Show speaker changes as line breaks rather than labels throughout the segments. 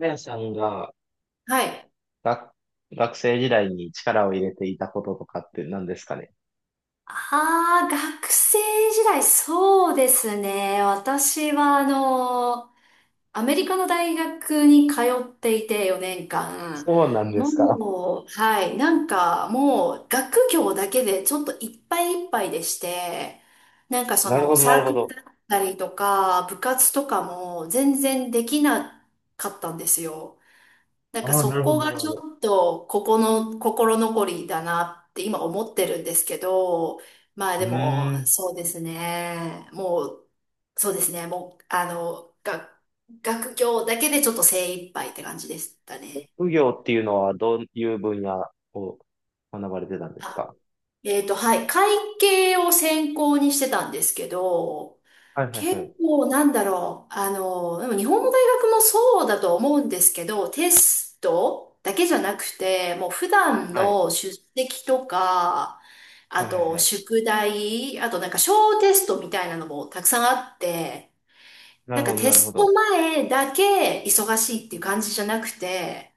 あやさんが、
はい。
学、学生時代に力を入れていたこととかって何ですかね。
ああ、学生時代、そうですね。私は、アメリカの大学に通っていて4年間。
そうなんですか。
もう、はい、なんかもう学業だけでちょっといっぱいいっぱいでして、なんかそ
なるほ
の
ど、な
サ
る
ー
ほ
クル
ど。
だったりとか部活とかも全然できなかったんですよ。なん
あ
か
あ、な
そ
るほど、
こ
な
が
る
ち
ほど。
ょっとここの心残りだなって今思ってるんですけど、まあ
う
でも
ーん。
そうですね。もう、そうですね。もう、学業だけでちょっと精一杯って感じでしたね。
副業っていうのはどういう分野を学ばれてたんです
あ、
か？
はい。会計を専攻にしてたんですけど、
はい、はい、は
結
い。
構なんだろう。でも日本の大学もそうだと思うんですけど、テストだけじゃなくて、もう普段
はい。
の出席とか、
は
あ
い、はい、
と
はい。
宿題、あとなんか小テストみたいなのもたくさんあって、
な
な
る
ん
ほ
か
ど、
テ
なるほ
ス
ど。
ト前だけ忙しいっていう感じじゃなくて、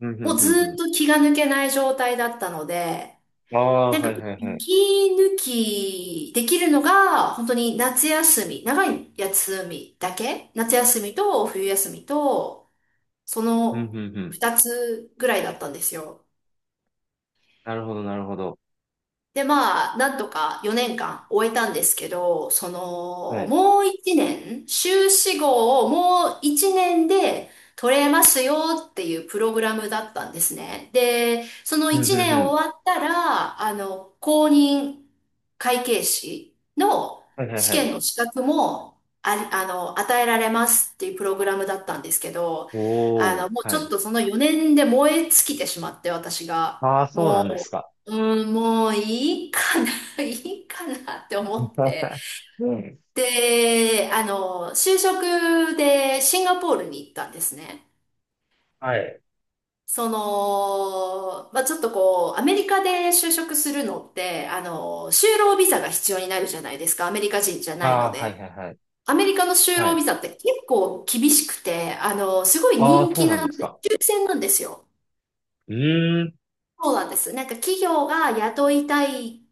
うん、うん、
もう
う
ず
ん、
っ
う
と気が抜けない状態だったので、
ん。ああ、
なんか、
はい、はい、はい。
息抜きできるのが、本当に夏休み、長い休みだけ夏休みと冬休みと、そ
うん、うん、
の
うん。
二つぐらいだったんですよ。
なるほど、なるほど。
で、まあ、なんとか4年間終えたんですけど、そ
は
の、
い。
もう1年、修士号をもう1年で取れますよっていうプログラムだったんですね。で、その
うん、
1
うん、う
年
ん。
終わったら、公認会計士の
はい、はい、
試
はい。
験の資格も、あ、与えられますっていうプログラムだったんですけど、
おー、
もう
は
ちょっ
い。
とその4年で燃え尽きてしまって、私が。
ああ、そうな
も
んです
う、
か。
うん、もういいかな、いいかなって思って。
うん。
で、就職でシンガポールに行ったんですね。
はい。
その、まあ、ちょっとこう、アメリカで就職するのって、就労ビザが必要になるじゃないですか。アメリカ人じゃない
あ
の
あー、はい
で。
はいはい。
アメリカの就
は
労ビ
い。
ザって結構厳しくて、すごい
ああ、
人
そう
気
なん
な
で
ん
す
で、
か。
抽選なんですよ。
うーん。
そうなんです。なんか企業が雇いたい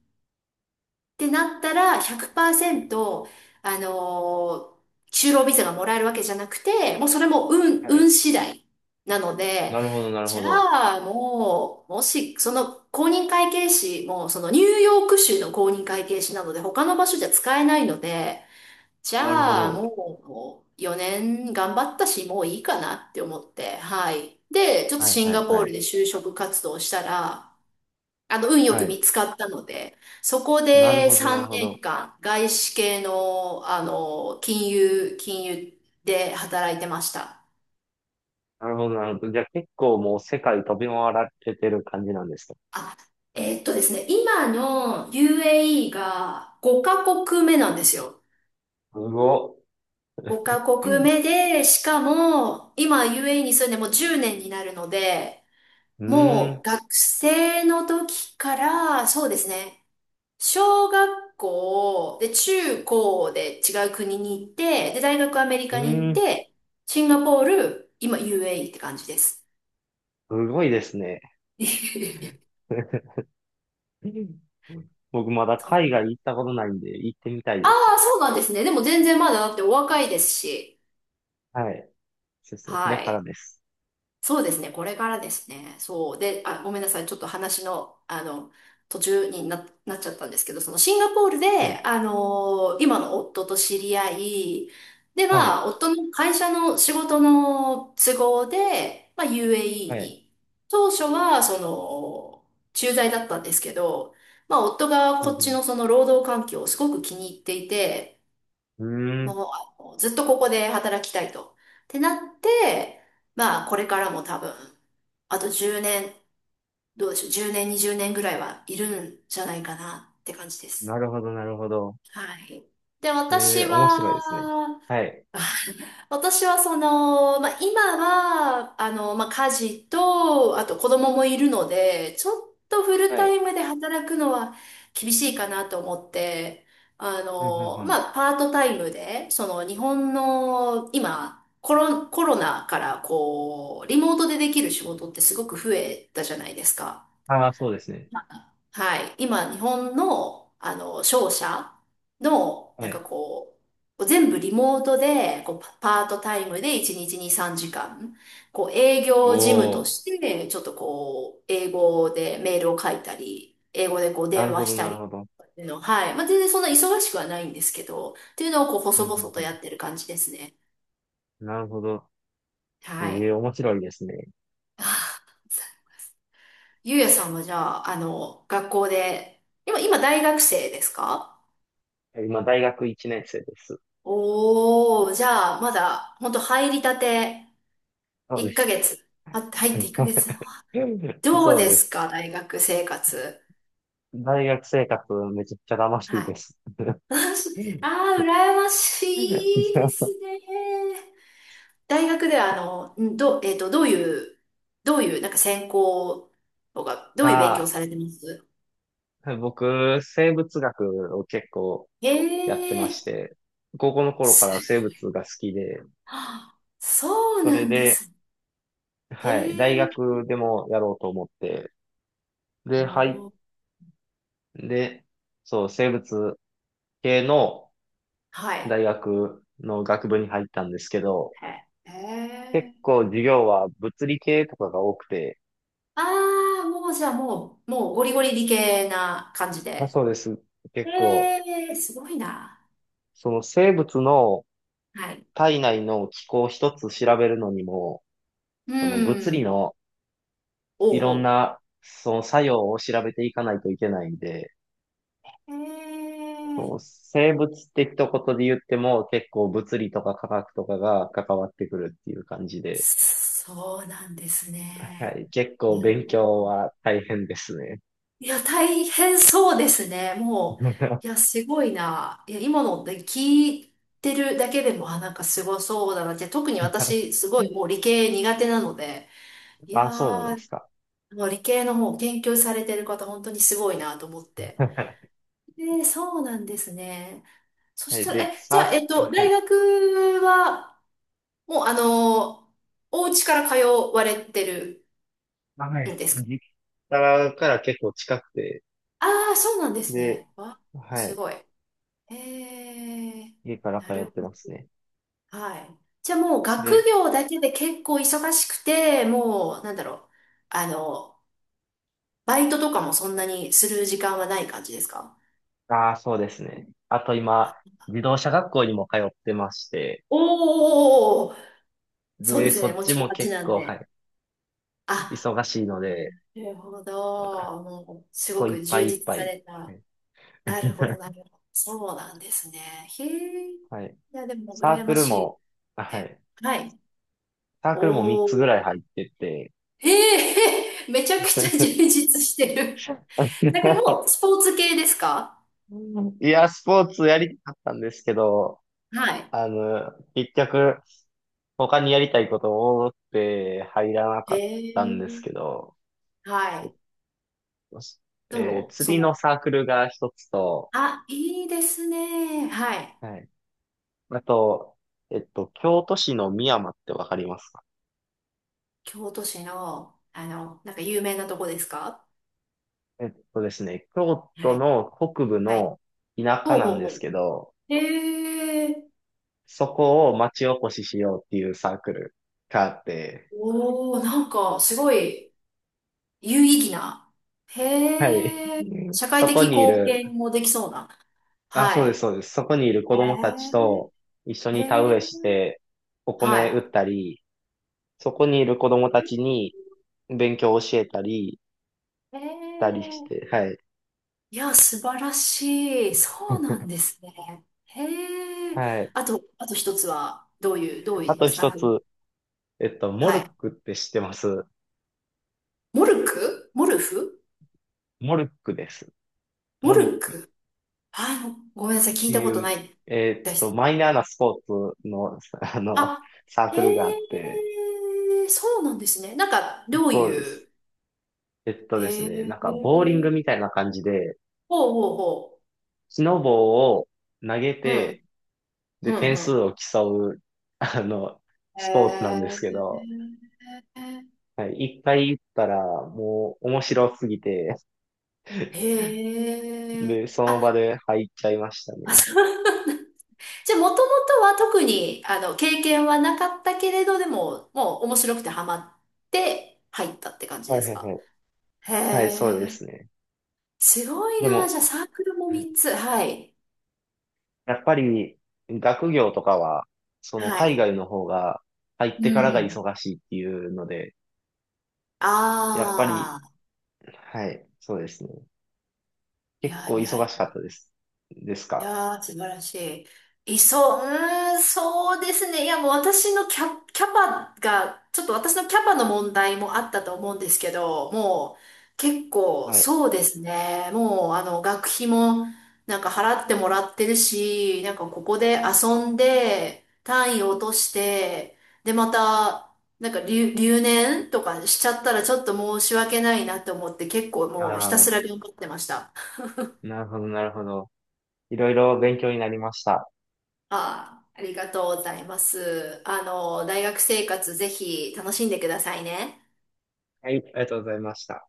ってなったら100%、あのー就労ビザがもらえるわけじゃなくて、もうそれも運、
は
運
い。
次第なので、
なるほど、なる
じ
ほど。
ゃあもう、もし、その公認会計士も、そのニューヨーク州の公認会計士なので、他の場所じゃ使えないので、じ
なるほ
ゃあ
ど。
もう4年頑張ったし、もういいかなって思って、はい。で、ちょっと
はい
シン
はい
ガポ
は
ール
い。
で就職活動したら、運よ
は
く
い。
見つかったので、そこ
なる
で
ほど、なる
3
ほど。
年間、外資系の、金融で働いてました。
なるほど、なるほど。じゃあ結構もう世界飛び回られてる感じなんですか？
あ、ですね、今の UAE が5カ国目なんですよ。
すごっ。
5カ国目
う
で、しかも、今 UAE に住んでもう10年になるので、
ー
も
ん。
う学生の時から、そうですね、小学校、で、中高で違う国に行って、で、大学アメリ
う
カに行っ
ーん。
て、シンガポール、今 UAE って感じです。
すごいですね。僕まだ
そ
海
う、
外行ったことないんで行ってみたい
あ
です。
あ、そうなんですね。でも全然まだだってお若いですし。
はい。そうですね。こ
は
れから
い。
です。
そうですね、これからですね。そう。で、あ、ごめんなさい、ちょっと話の、途中になっちゃったんですけど、そのシンガポール
は
で、
い。
今の夫と知り合い、で
は
は、
い。
夫の会社の仕事の都合で、まあ、
は
UAE
い。
に。当初は、駐在だったんですけど、まあ、夫が
う
こっち
ん
のその労働環境をすごく気に入っていて、
うん。うーん。
もうずっとここで働きたいと。ってなって、まあこれからも多分、あと10年、どうでしょう、10年、20年ぐらいはいるんじゃないかなって感じで
な
す。
るほど、なるほど。
はい。で、
え
私
え、面白いですね。
は、
はい。
私はその、まあ、今は、まあ、家事と、あと子供もいるので、ちょっとフル
は
タイ
い。
ムで働くのは厳しいかなと思って、
うんうんうん。
まあ、パートタイムで、その日本の今、コロナからこう、リモートでできる仕事ってすごく増えたじゃないですか。
ああ、そうですね。
はい。今、日本の、商社の、
は
なんか
い。
こう、全部リモートで、こう、パパートタイムで1日に3時間、こう、営業事務と
お
し
ー。
て、ちょっとこう、英語でメールを書いたり、英語でこう、
な
電
るほ
話し
ど、
た
なる
り
ほど。
っていうの、はい。まあ、全然そんな忙しくはないんですけど、っていうのをこう、
うん
細
う
々とや
ん
ってる感じですね。
うん。なるほど。え
はい。
え、面白いですね。
あーゆうやさんはじゃあ、学校で、今大学生ですか？
今、大学1年生です。
おー、じゃあ、まだ、ほんと入りたて、
そうで
1
す。
ヶ月。あ、入って1ヶ月。どう
そう
で
で
す
す。
か、大学生活。
大学生活、めちゃくちゃ楽しい
は
で
い。
す。
私、あ羨ましいですね。大学では、あの、んど、えっと、どういう、どういう、なんか専攻とか、どういう勉強
あ
されてます
あ、僕、生物学を結構
へ
やってまし
え、
て、高校の頃か
す、
ら生物が好きで、
はあ、そう
そ
な
れ
んで
で、
す。へ
はい、大
え、
学でもやろうと思って、で、
おー、
っそう、生物系の
はい。
大学の学部に入ったんですけど、
へえ。
結
へー、
構授業は物理系とかが多くて、
ああ、もうじゃあもう、もうゴリゴリ理系な感じ
まあ
で。
そうです。結構、
ええ、すごいな。
その生物の
はい。
体内の機構一つ調べるのにも、
う
その物理
ん。
の
お
いろ
う
ん
お
なその作用を調べていかないといけないんで、
う。へ
そう
え。
生物的とことで言っても結構物理とか科学とかが関わってくるっていう感じで、
そうなんです
は
ね。
い、結
な
構
る
勉
ほ
強
ど。
は大変ですね。
いや、大変そうですね。もう、いや、すごいな。いや、今のって聞いてるだけでも、あ、なんかすごそうだなって、特に私、すごいもう理系苦手なので、いや
あ、そうなんで
ー、
すか。
もう理系の方、研究されてる方、本当にすごいなと思って。えー、そうなんですね。そ
は
し
い、
たら、
で、
え、じゃあ、
は
大
い。
学は、もう、お家から通われてる
は
ん
い。
ですか？
実家から結構近くて、
あ、あー、そうなんです
で、
ね。わ、
は
す
い、
ごい。えー、
家から通
なる
っ
ほ
てま
ど。
すね。
はい。じゃあ、もう、学
で、
業だけで結構忙しくて、もう、なんだろう。あの、バイトとかもそんなにする時間はない感じですか？
ああ、そうですね。あと今、自動車学校にも通ってまして、
おー、そうで
で、
す
そ
ね。
っ
もう
ち
1
も
ち
結
なん
構、は
で。
い、
あ、
忙しいので、
なるほど。もう、す
こ
ご
ういっ
く
ぱ
充
いいっ
実
ぱ
さ
い。
れた。なるほど、なる ほど。そうなんですね。へえ。い
はい。
や、でも、
サー
羨
ク
ま
ル
しいっ
も、は
て。
い。
はい。
サークルも3
お
つぐらい
お。
入ってて。
へえ、めちゃくちゃ 充実してる。だからもう、スポーツ系ですか？
いや、スポーツやりたかったんですけど、
はい。
結局、他にやりたいことを多くて入らな
へ
かったんですけ
え。
ど、
はい。どうも、
釣
そ
りの
の、
サークルが一つと、
あ、いいですね。はい。
はい。あと、京都市の美山ってわかりますか？
京都市の、なんか有名なとこですか？
えっとですね、京
は
都
い。
の北部
はい。
の田舎
ほう
な
ほ
ん
う
で
ほ
すけど、
う。へえ。
そこを町おこししようっていうサークルがあって、
おお、なんか、すごい、有意義な。
はい。
へえ、社会
そこ
的
にい
貢
る、
献もできそうな。
そう
は
です、
い。
そうです。そこにいる子供たち
へ
と一緒
え、へ
に田植えし
え、
て、お米
は
売ったり、そこにいる子供たち
い。
に勉強を教えたり、
へ
たりし
え、
て、はい。
いや、素晴らしい。そうなんですね。へえ、
はい。
あと一つは、どう
あ
いう
と
サー
一
フィ
つ、
ン？
モ
は
ルッ
い。
クって知ってます
モルク、モルフ、
モルックです。
モ
モルッ
ルク、あの、ごめんなさい、
っ
聞
て
いたこと
い
な
う、
いです。
マイナーなスポーツの、
あ、
サー
へ
クルがあって、
え、そうなんですね。なんか、どう
そうで
い
す。
う、へえ、
なんか、ボーリングみたいな感じで、
ほうほうほ
木の棒を投げ
う。うん、
て、
う
で、
ん、
点
う
数
ん。
を競う、あの、スポーツなん
へ
ですけど、
え、
はい、一回行ったら、もう、面白すぎて、
へえ。
で、その
あ、
場で入っちゃいました
あ、
ね。
そう、 じゃあ、もともとは特に、経験はなかったけれど、でも、もう面白くてハマって入ったって感じ
はい
で
は
す
いは
か？
い。
へ
はい、そうで
え、
すね。
すごい
で
な。じ
も、
ゃあ、サークルも3つ。はい。
やっぱり学業とかは、その
は
海
い。
外の方が入っ
う
てからが
ん。
忙しいっていうので、やっぱり、
ああ、
はい、そうですね。
い
結
や
構
いや
忙
い
しか
や。
ったです。です
い
か。
やー、素晴らしい。そう、うーん、そうですね。いや、もう私のキャ、キャパが、ちょっと私のキャパの問題もあったと思うんですけど、もう結構
はい。
そうですね。もう学費もなんか払ってもらってるし、なんかここで遊んで、単位を落として、で、また、なんか留年とかしちゃったらちょっと申し訳ないなと思って結構
あ
もうひたすら
あ、
頑張ってました。
なるほど、なるほど。いろいろ勉強になりました。
ああ、ありがとうございます。大学生活ぜひ楽しんでくださいね。
はい、ありがとうございました。